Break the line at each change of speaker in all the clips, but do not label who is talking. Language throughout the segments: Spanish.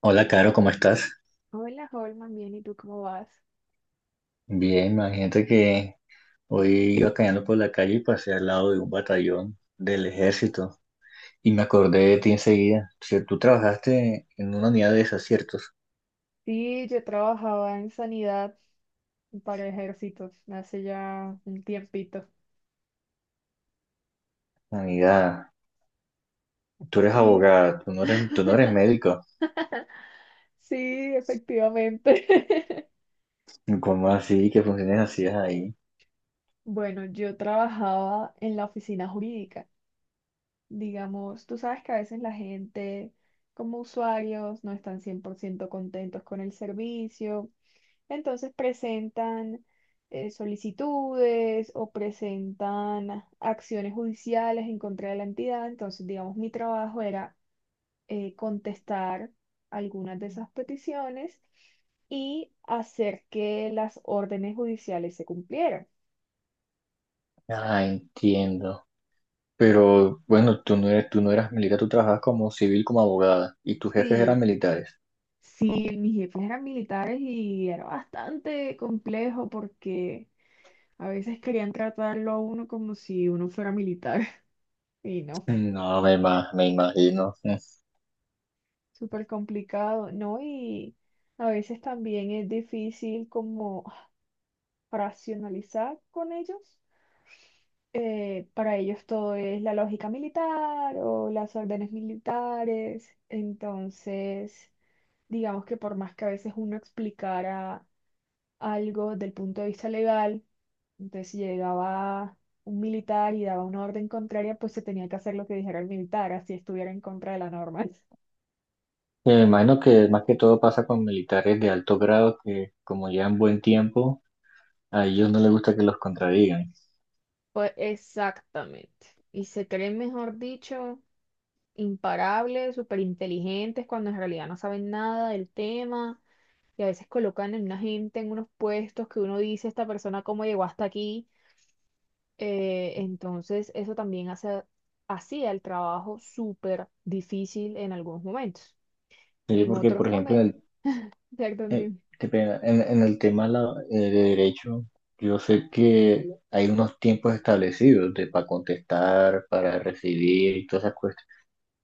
Hola, Caro, ¿cómo estás?
Hola, Holman, bien, ¿y tú cómo vas?
Bien, imagínate que hoy iba caminando por la calle y pasé al lado de un batallón del ejército y me acordé de ti enseguida. O sea, tú trabajaste en una unidad de esas, ¿ciertos?
Sí, yo trabajaba en sanidad para ejércitos hace ya un tiempito.
Unidad, tú eres
Sí.
abogada, tú no eres médico.
Sí, efectivamente.
¿Cómo así que funciones hacías ahí?
Bueno, yo trabajaba en la oficina jurídica. Digamos, tú sabes que a veces la gente, como usuarios, no están 100% contentos con el servicio. Entonces presentan solicitudes o presentan acciones judiciales en contra de la entidad. Entonces, digamos, mi trabajo era contestar algunas de esas peticiones y hacer que las órdenes judiciales se cumplieran.
Ah, entiendo. Pero bueno, tú no eras militar, tú trabajabas como civil, como abogada y tus jefes eran
Sí,
militares.
sí, mis jefes eran militares y era bastante complejo porque a veces querían tratarlo a uno como si uno fuera militar y no.
No, me, ima- Me imagino.
Súper complicado, ¿no? Y a veces también es difícil como racionalizar con ellos. Para ellos todo es la lógica militar o las órdenes militares. Entonces, digamos que por más que a veces uno explicara algo del punto de vista legal, entonces si llegaba un militar y daba una orden contraria, pues se tenía que hacer lo que dijera el militar, así estuviera en contra de la norma.
Sí, me imagino que más que todo pasa con militares de alto grado que como llevan buen tiempo, a ellos no les gusta que los contradigan.
Pues exactamente. Y se creen, mejor dicho, imparables, súper inteligentes, cuando en realidad no saben nada del tema. Y a veces colocan en una gente en unos puestos que uno dice, esta persona cómo llegó hasta aquí. Entonces, eso también hacía el trabajo súper difícil en algunos momentos.
Sí,
En
porque
otros
por ejemplo
momentos,
en el, eh,
exactamente,
qué pena, en el tema de derecho, yo sé que hay unos tiempos establecidos de para contestar, para recibir y todas esas cuestiones.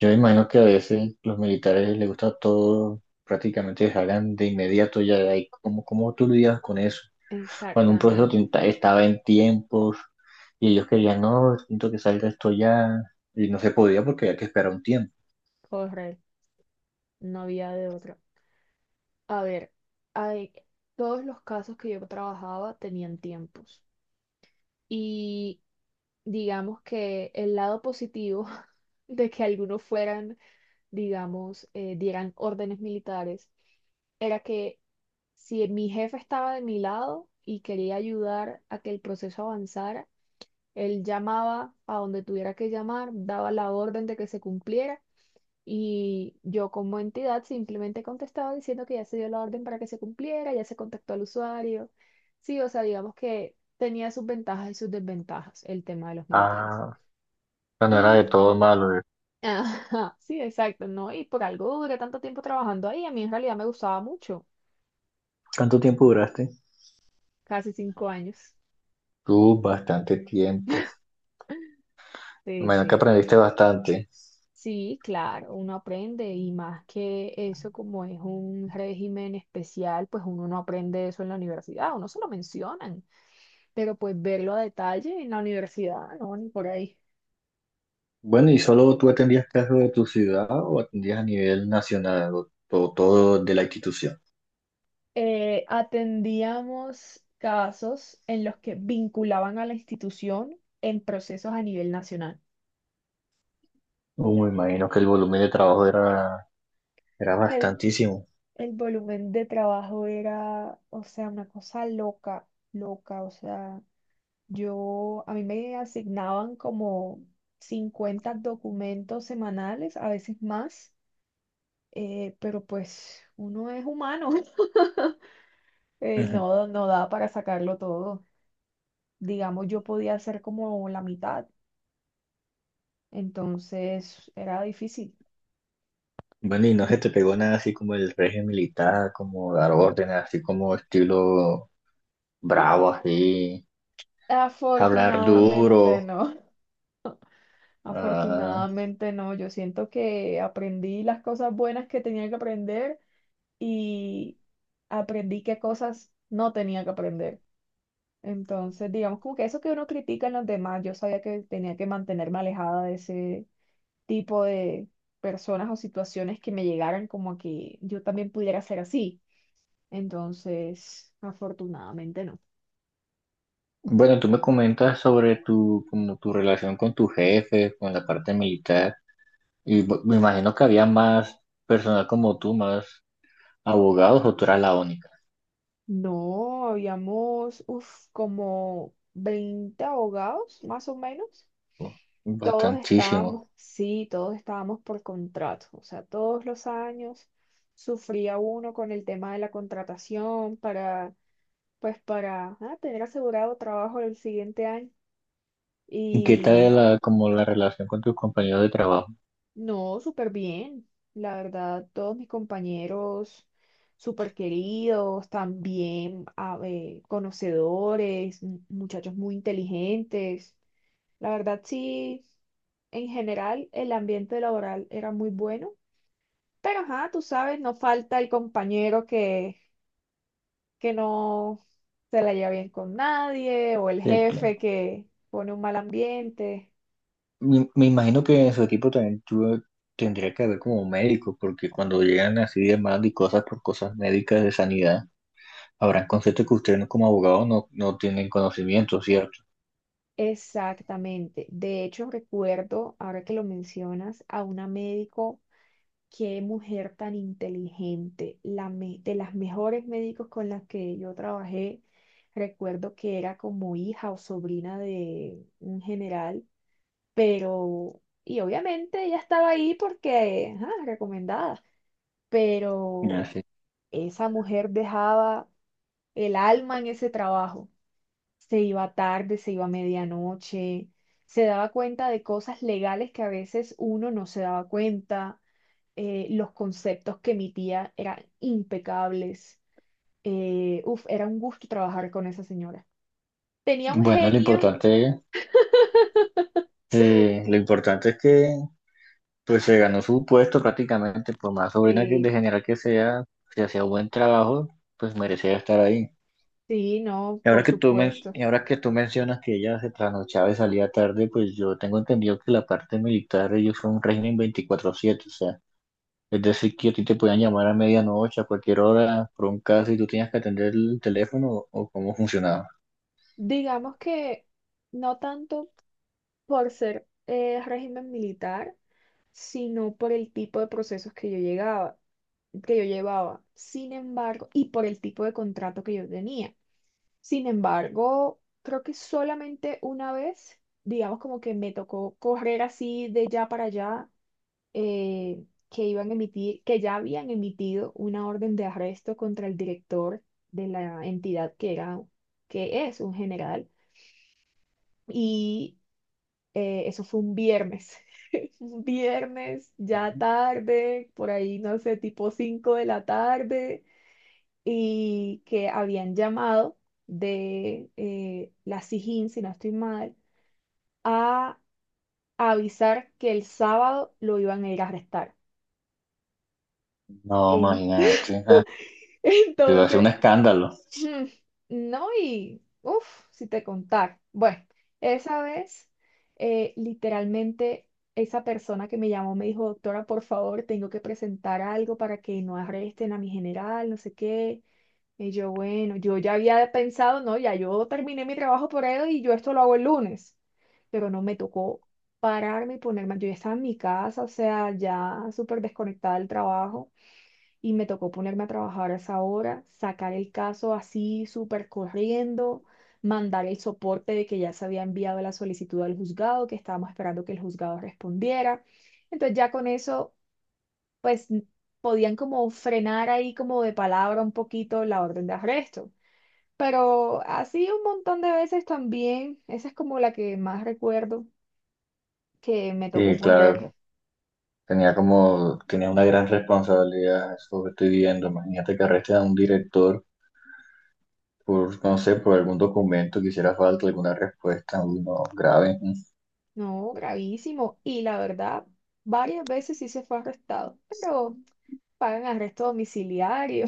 Yo me imagino que a veces los militares les gusta todo prácticamente que salgan de inmediato ya de ahí. ¿Cómo tú lidias con eso? Cuando un proceso
exactamente,
estaba en tiempos. Y ellos querían, no, siento que salga esto ya. Y no se podía porque había que esperar un tiempo.
correcto. No había de otra. A ver, hay, todos los casos que yo trabajaba tenían tiempos. Y digamos que el lado positivo de que algunos fueran, digamos, dieran órdenes militares, era que si mi jefe estaba de mi lado y quería ayudar a que el proceso avanzara, él llamaba a donde tuviera que llamar, daba la orden de que se cumpliera y yo como entidad simplemente contestaba diciendo que ya se dio la orden para que se cumpliera, ya se contactó al usuario. Sí, o sea, digamos que tenía sus ventajas y sus desventajas el tema de los militares.
Ah, o sea, no era de
Y,
todo malo.
ajá, sí, exacto, ¿no? Y por algo duré tanto tiempo trabajando ahí, a mí en realidad me gustaba mucho,
¿Cuánto tiempo duraste?
casi 5 años.
Tú, bastante tiempo.
Sí,
Bueno que
sí.
aprendiste bastante.
Sí, claro, uno aprende y más que eso, como es un régimen especial, pues uno no aprende eso en la universidad, uno se lo mencionan. Pero pues verlo a detalle en la universidad, no, ni por ahí.
Bueno, ¿y solo tú atendías casos de tu ciudad o atendías a nivel nacional o todo de la institución?
Atendíamos casos en los que vinculaban a la institución en procesos a nivel nacional.
Me imagino que el volumen de trabajo era
El,
bastantísimo.
el volumen de trabajo era, o sea, una cosa loca, loca, o sea, yo, a mí me asignaban como 50 documentos semanales, a veces más, pero pues uno es humano, no da para sacarlo todo. Digamos, yo podía hacer como la mitad, entonces era difícil.
Bueno, y no se te pegó nada así como el régimen militar, como dar órdenes, así como estilo bravo, así, hablar
Afortunadamente
duro.
no,
Ah.
afortunadamente no, yo siento que aprendí las cosas buenas que tenía que aprender y aprendí qué cosas no tenía que aprender. Entonces, digamos, como que eso que uno critica en los demás, yo sabía que tenía que mantenerme alejada de ese tipo de personas o situaciones que me llegaran como a que yo también pudiera ser así. Entonces, afortunadamente no.
Bueno, tú me comentas sobre tu, como tu relación con tu jefe, con la parte militar, y me imagino que había más personal como tú, más abogados, o tú eras la única.
No, habíamos, uf, como 20 abogados, más o menos.
¿No?
Todos
Bastantísimo.
estábamos, sí, todos estábamos por contrato. O sea, todos los años sufría uno con el tema de la contratación para, pues, para ah, tener asegurado trabajo el siguiente año.
¿Qué
Y
tal la, como la relación con tus compañeros de trabajo?
no, súper bien. La verdad, todos mis compañeros súper queridos, también a conocedores, muchachos muy inteligentes. La verdad, sí, en general el ambiente laboral era muy bueno, pero ajá, tú sabes, no falta el compañero que no se la lleva bien con nadie o el jefe que pone un mal ambiente.
Me imagino que en su equipo también tendría que haber como un médico, porque cuando llegan así demanda y cosas por cosas médicas de sanidad, habrán conceptos que ustedes como abogados no, no tienen conocimiento, ¿cierto?
Exactamente. De hecho, recuerdo, ahora que lo mencionas, a una médico, qué mujer tan inteligente, de las mejores médicos con las que yo trabajé. Recuerdo que era como hija o sobrina de un general, pero, y obviamente ella estaba ahí porque, ajá, recomendada, pero
Así.
esa mujer dejaba el alma en ese trabajo. Se iba tarde, se iba a medianoche, se daba cuenta de cosas legales que a veces uno no se daba cuenta, los conceptos que emitía eran impecables, uf, era un gusto trabajar con esa señora. Tenía un
Bueno,
genio,
lo importante es que pues se ganó su puesto prácticamente, por más sobrina que de
sí,
general que sea, si hacía buen trabajo, pues merecía estar ahí.
sí, no,
Y ahora
por
que
supuesto.
y ahora que tú mencionas que ella se trasnochaba y salía tarde, pues yo tengo entendido que la parte militar, ellos son un régimen 24/7, o sea, es decir, que a ti te podían llamar a medianoche, a cualquier hora, por un caso, y tú tenías que atender el teléfono, o cómo funcionaba.
Digamos que no tanto por ser régimen militar, sino por el tipo de procesos que yo llegaba. Que yo llevaba. Sin embargo, y por el tipo de contrato que yo tenía. Sin embargo, creo que solamente una vez, digamos como que me tocó correr así de ya para allá, eh, que iban a emitir, que ya habían emitido una orden de arresto contra el director de la entidad que es un general. Y eso fue un viernes. Un viernes, ya tarde, por ahí, no sé, tipo 5 de la tarde. Y que habían llamado de la Sijín, si no estoy mal, a avisar que el sábado lo iban a ir a arrestar.
No,
En-
imagínate, ah, iba a ser un
entonces,
escándalo.
mm, no, y uff, si te contar. Bueno, esa vez, literalmente, esa persona que me llamó me dijo, doctora, por favor, tengo que presentar algo para que no arresten a mi general, no sé qué. Y yo, bueno, yo ya había pensado, no, ya yo terminé mi trabajo por él y yo esto lo hago el lunes. Pero no me tocó pararme y ponerme, yo ya estaba en mi casa, o sea, ya súper desconectada del trabajo y me tocó ponerme a trabajar a esa hora, sacar el caso así súper corriendo, mandar el soporte de que ya se había enviado la solicitud al juzgado, que estábamos esperando que el juzgado respondiera. Entonces ya con eso, pues podían como frenar ahí como de palabra un poquito la orden de arresto. Pero así un montón de veces también, esa es como la que más recuerdo que me tocó
Sí,
correr.
claro, tenía una gran responsabilidad, eso que estoy viendo. Imagínate que arresten a un director por, no sé, por algún documento que hiciera falta, alguna respuesta, uno grave.
No, gravísimo. Y la verdad, varias veces sí se fue arrestado, pero pagan arresto domiciliario,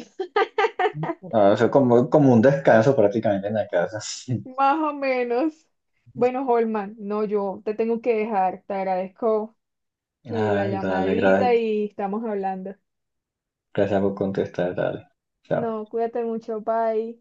Ah, o sea, como un descanso prácticamente en la casa.
más o menos. Bueno, Holman, no, yo te tengo que dejar. Te agradezco que la
Ay, dale,
llamadita y estamos hablando.
gracias por contestar, dale. Chao.
No, cuídate mucho, bye.